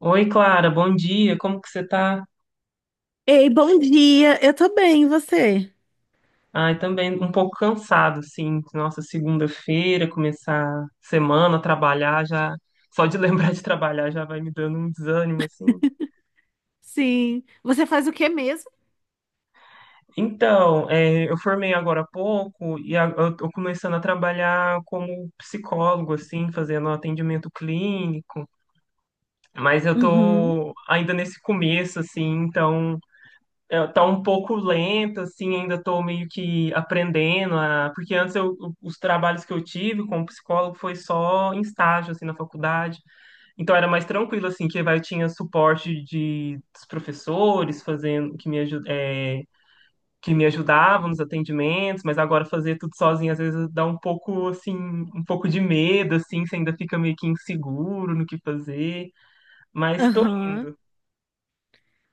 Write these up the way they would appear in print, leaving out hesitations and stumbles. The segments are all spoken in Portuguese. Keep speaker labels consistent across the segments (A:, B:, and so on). A: Oi, Clara, bom dia. Como que você tá?
B: Ei, bom dia. Eu tô bem, e você?
A: Ai, também um pouco cansado, sim. Nossa, segunda-feira, começar semana, trabalhar já. Só de lembrar de trabalhar já vai me dando um desânimo, assim.
B: Sim. Você faz o que mesmo?
A: Então, é, eu formei agora há pouco eu tô começando a trabalhar como psicólogo, assim, fazendo atendimento clínico. Mas eu
B: Uhum,
A: tô ainda nesse começo, assim, então. É, tá um pouco lenta, assim, ainda tô meio que aprendendo a... Porque antes eu, os trabalhos que eu tive como psicólogo foi só em estágio, assim, na faculdade. Então era mais tranquilo, assim, que vai, tinha suporte de, dos professores fazendo, que me ajudavam nos atendimentos, mas agora fazer tudo sozinho às vezes dá um pouco, assim, um pouco de medo, assim, você ainda fica meio que inseguro no que fazer, mas tô
B: aham.
A: indo.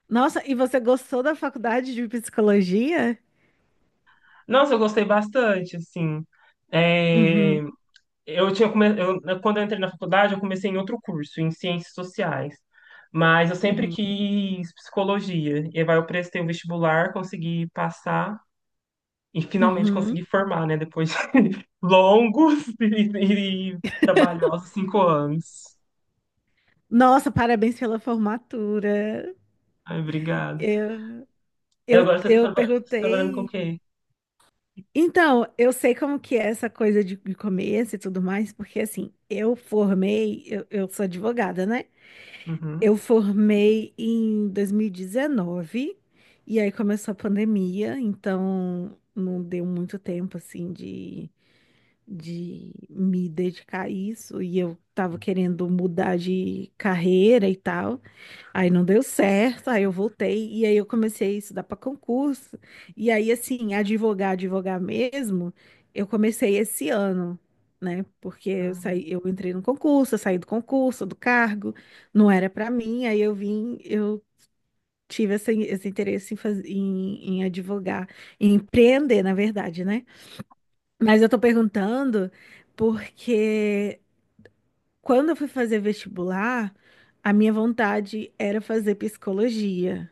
B: Nossa, e você gostou da faculdade de psicologia?
A: Nossa, eu gostei bastante, assim. É,
B: Uhum,
A: Eu, quando eu entrei na faculdade, eu comecei em outro curso, em ciências sociais. Mas eu sempre
B: uhum,
A: quis psicologia. E aí eu prestei o vestibular, consegui passar e finalmente
B: uhum.
A: consegui formar, né? Depois de longos e trabalhosos 5 anos.
B: Nossa, parabéns pela formatura.
A: Ai, obrigado.
B: Eu,
A: E
B: eu,
A: agora você
B: eu
A: está trabalhando com o
B: perguntei.
A: quê?
B: Então, eu sei como que é essa coisa de começo e tudo mais, porque assim, eu formei, eu sou advogada, né? Eu
A: Uhum.
B: formei em 2019 e aí começou a pandemia, então não deu muito tempo assim de me dedicar a isso e eu tava querendo mudar de carreira e tal. Aí não deu certo, aí eu voltei e aí eu comecei a estudar para concurso. E aí, assim, advogar, advogar mesmo, eu comecei esse ano, né? Porque eu
A: Ai,
B: saí, eu entrei no concurso, eu saí do concurso, do cargo, não era para mim, aí eu vim, eu tive esse interesse em, em, em advogar, em empreender, na verdade, né? Mas eu tô perguntando porque quando eu fui fazer vestibular, a minha vontade era fazer psicologia.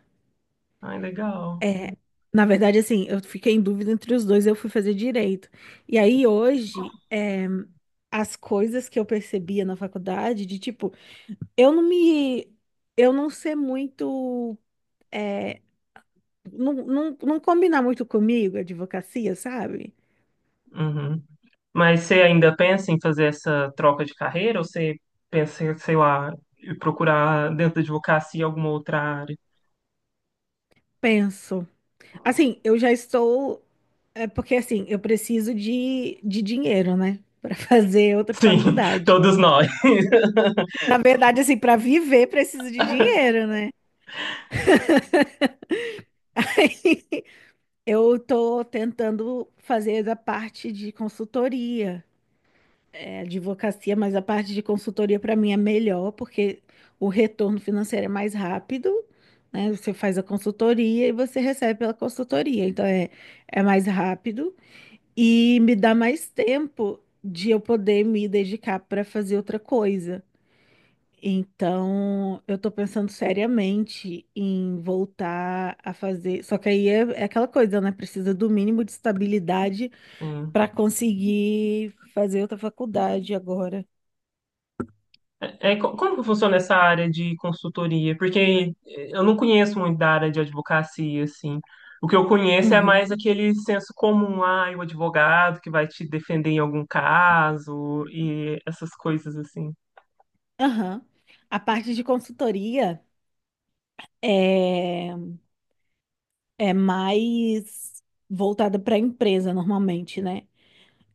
A: ai, legal.
B: É, na verdade, assim, eu fiquei em dúvida entre os dois, eu fui fazer direito. E aí, hoje, é, as coisas que eu percebia na faculdade, de tipo, eu não me. Eu não ser muito. É, não, não, não combinar muito comigo, a advocacia, sabe?
A: Uhum. Mas você ainda pensa em fazer essa troca de carreira ou você pensa, em, sei lá, em procurar dentro da advocacia alguma outra área?
B: Penso. Assim, eu já estou. É porque, assim, eu preciso de dinheiro, né? Para fazer outra
A: Sim,
B: faculdade.
A: todos nós.
B: Na verdade, assim, para viver, preciso de dinheiro, né? Eu estou tentando fazer a parte de consultoria, é, advocacia, mas a parte de consultoria para mim é melhor, porque o retorno financeiro é mais rápido, né? Você faz a consultoria e você recebe pela consultoria, então é mais rápido e me dá mais tempo de eu poder me dedicar para fazer outra coisa. Então, eu tô pensando seriamente em voltar a fazer. Só que aí é aquela coisa, né? Precisa do mínimo de estabilidade
A: Sim.
B: para conseguir fazer outra faculdade agora.
A: Como que funciona essa área de consultoria? Porque eu não conheço muito da área de advocacia, assim. O que eu conheço é mais
B: Uhum.
A: aquele senso comum, ah, o advogado que vai te defender em algum caso e essas coisas assim.
B: Aham. A parte de consultoria é, é mais voltada para a empresa, normalmente, né?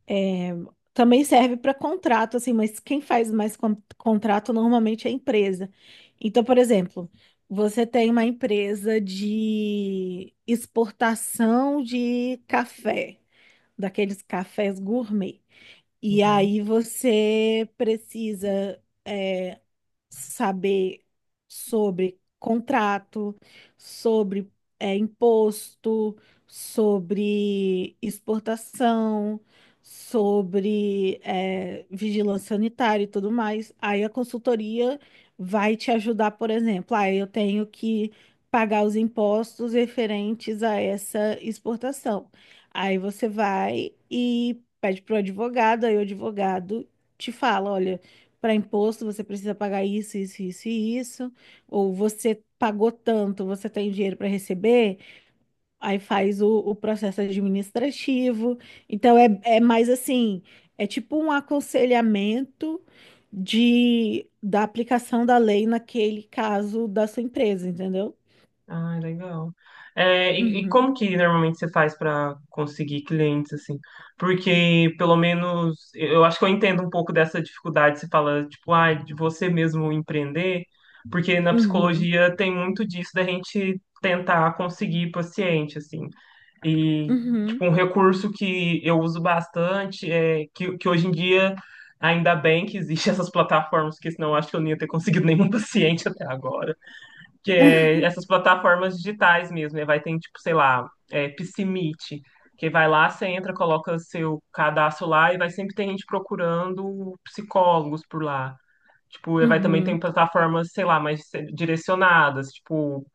B: É, também serve para contrato, assim, mas quem faz mais contrato normalmente é a empresa. Então, por exemplo, você tem uma empresa de exportação de café, daqueles cafés gourmet. E
A: Uhum.
B: aí você precisa é, saber sobre contrato, sobre é, imposto, sobre exportação, sobre é, vigilância sanitária e tudo mais. Aí a consultoria vai te ajudar, por exemplo, ah, eu tenho que pagar os impostos referentes a essa exportação. Aí você vai e pede para o advogado, aí o advogado te fala, olha, para imposto você precisa pagar isso, isso, isso e isso, ou você pagou tanto, você tem dinheiro para receber, aí faz o processo administrativo. Então é mais assim, é tipo um aconselhamento de, da aplicação da lei naquele caso da sua empresa, entendeu?
A: Ah, legal. É, e como
B: Uhum,
A: que normalmente você faz para conseguir clientes assim? Porque pelo menos eu acho que eu entendo um pouco dessa dificuldade. Você fala tipo, ah, de você mesmo empreender, porque na
B: uhum,
A: psicologia tem muito disso da gente tentar conseguir paciente assim. E
B: uhum.
A: tipo um recurso que eu uso bastante é que hoje em dia ainda bem que existem essas plataformas, porque senão eu acho que eu não ia ter conseguido nenhum paciente até agora que é essas plataformas digitais mesmo, né? Vai ter, tipo, sei lá, é, Psimeet, que vai lá, você entra, coloca seu cadastro lá e vai sempre ter gente procurando psicólogos por lá. Tipo, e vai também ter
B: Uhum.
A: plataformas, sei lá, mais direcionadas, tipo,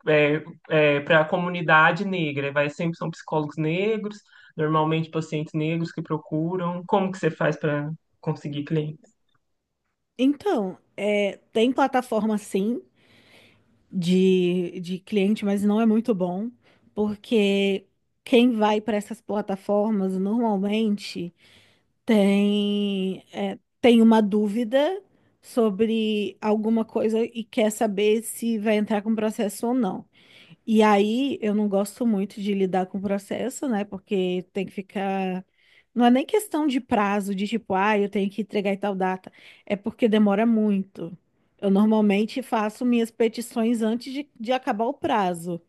A: para a comunidade negra. E vai sempre são psicólogos negros, normalmente pacientes negros que procuram. Como que você faz para conseguir clientes?
B: Então, é, tem plataforma sim, de cliente, mas não é muito bom, porque quem vai para essas plataformas normalmente tem uma dúvida sobre alguma coisa e quer saber se vai entrar com processo ou não. E aí eu não gosto muito de lidar com o processo, né? Porque tem que ficar. Não é nem questão de prazo, de tipo, ah, eu tenho que entregar em tal data. É porque demora muito. Eu normalmente faço minhas petições antes de acabar o prazo.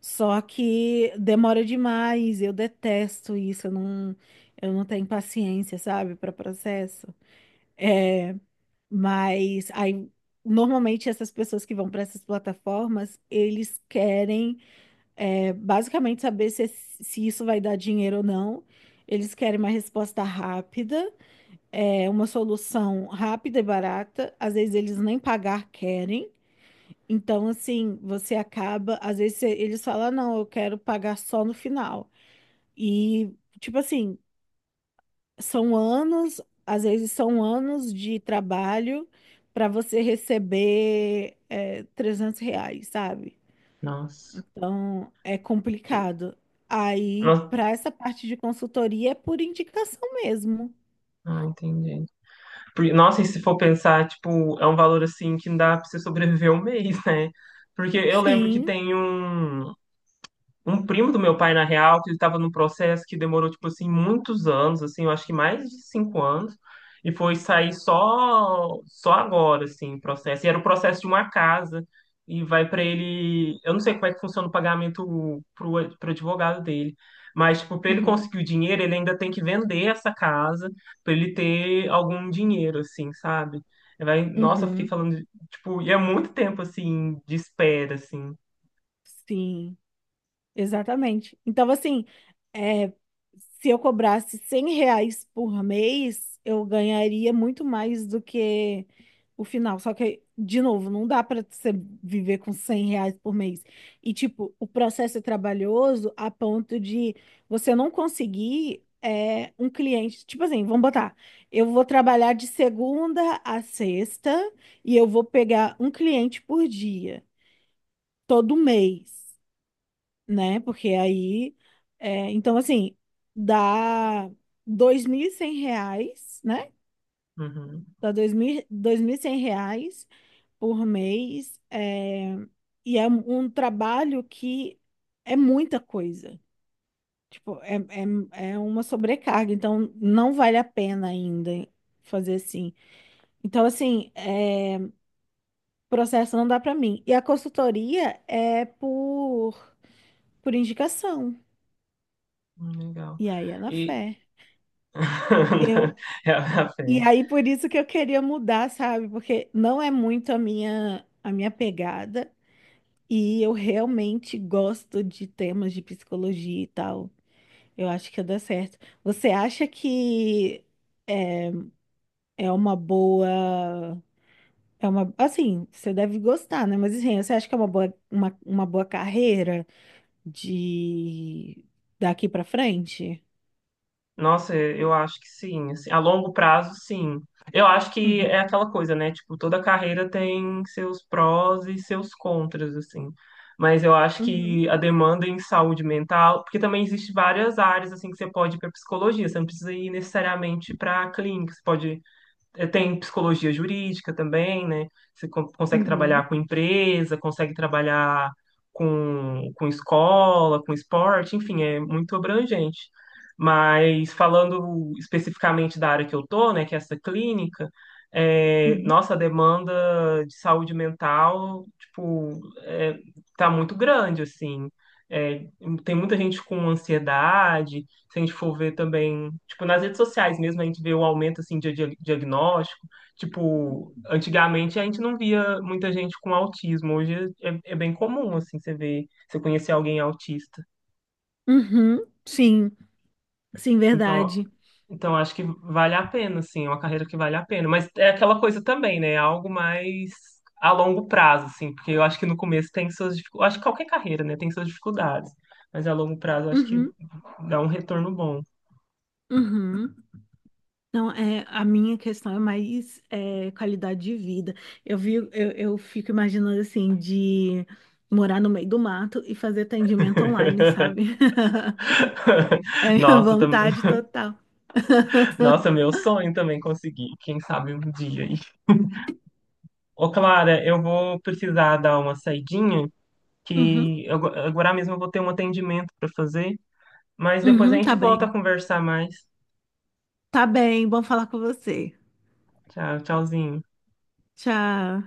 B: Só que demora demais, eu detesto isso, eu não tenho paciência, sabe, para processo. É, mas aí, normalmente essas pessoas que vão para essas plataformas, eles querem. É basicamente saber se isso vai dar dinheiro ou não. Eles querem uma resposta rápida, é uma solução rápida e barata. Às vezes eles nem pagar querem. Então, assim, você acaba. Às vezes eles falam, "Ah, não, eu quero pagar só no final. E, tipo assim, são anos, às vezes são anos de trabalho para você receber, é, R$ 300, sabe?"
A: Nossa.
B: Então, é complicado. Aí,
A: Nossa,
B: para essa parte de consultoria, é por indicação mesmo.
A: ah, entendi. Porque, nossa, e se for pensar, tipo, é um valor assim que não dá pra você sobreviver um mês, né? Porque eu lembro que
B: Sim.
A: tem um primo do meu pai, na real, que ele estava num processo que demorou, tipo assim, muitos anos, assim, eu acho que mais de 5 anos, e foi sair só agora, assim, o processo. E era o processo de uma casa, e vai para ele. Eu não sei como é que funciona o pagamento pro advogado dele. Mas, tipo, para ele
B: Uhum.
A: conseguir o dinheiro, ele ainda tem que vender essa casa para ele ter algum dinheiro, assim, sabe? Vai, nossa, eu fiquei
B: Uhum.
A: falando, tipo, e é muito tempo, assim, de espera, assim.
B: Sim. Exatamente. Então, assim, é, se eu cobrasse R$ 100 por mês, eu ganharia muito mais do que o final. Só que, de novo, não dá para você viver com R$ 100 por mês. E, tipo, o processo é trabalhoso a ponto de você não conseguir é, um cliente. Tipo assim, vamos botar, eu vou trabalhar de segunda a sexta e eu vou pegar um cliente por dia, todo mês, né? Porque aí, é, então assim, dá R$ 2.100, né?
A: Uhum.
B: Dá dois mil e cem reais por mês, é, e é um trabalho que é muita coisa. Tipo, é uma sobrecarga, então não vale a pena ainda fazer assim. Então, assim, é, processo não dá pra mim. E a consultoria é por indicação.
A: Legal.
B: E aí é na
A: E
B: fé. Eu,
A: é a
B: E
A: fé.
B: aí por isso que eu queria mudar, sabe? Porque não é muito a minha pegada e eu realmente gosto de temas de psicologia e tal. Eu acho que ia dar certo. Você acha que é uma boa é uma assim, você deve gostar, né? Mas assim, você acha que é uma boa uma boa carreira de daqui pra frente?
A: Nossa, eu acho que sim. Assim, a longo prazo, sim. Eu acho que
B: Uhum.
A: é aquela coisa, né? Tipo, toda carreira tem seus prós e seus contras, assim. Mas eu acho
B: Uhum.
A: que a demanda em saúde mental, porque também existe várias áreas assim que você pode ir para psicologia. Você não precisa ir necessariamente para clínica. Você pode... É, tem psicologia jurídica também, né? Você consegue trabalhar com empresa, consegue trabalhar com escola, com esporte, enfim, é muito abrangente. Mas falando especificamente da área que eu tô, né, que é essa clínica, é, nossa, a demanda de saúde mental, tipo, é, tá muito grande, assim. É, tem muita gente com ansiedade, se a gente for ver também, tipo, nas redes sociais mesmo, a gente vê um aumento, assim, diagnóstico. Tipo, antigamente a gente não via muita gente com autismo. Hoje é bem comum, assim, você ver, você conhecer alguém autista.
B: Uhum. Sim, sim,
A: Então,
B: verdade.
A: então acho que vale a pena, assim, é uma carreira que vale a pena. Mas é aquela coisa também, né? É algo mais a longo prazo, assim, porque eu acho que no começo tem suas dificuldades. Acho que qualquer carreira, né, tem suas dificuldades. Mas a longo prazo eu acho que
B: Uhum.
A: dá um retorno bom.
B: Uhum. Não, é, a minha questão é mais é, qualidade de vida. Eu fico imaginando assim, de morar no meio do mato e fazer atendimento online, sabe? É a minha
A: Nossa, eu também.
B: vontade total.
A: Nossa, meu sonho também conseguir. Quem sabe um dia. Aí. Ô, Clara, eu vou precisar dar uma saidinha,
B: Uhum,
A: agora mesmo eu vou ter um atendimento para fazer, mas depois a
B: uhum,
A: gente
B: tá
A: volta
B: bem.
A: a conversar mais.
B: Tá bem, bom falar com você.
A: Tchau, tchauzinho.
B: Tchau.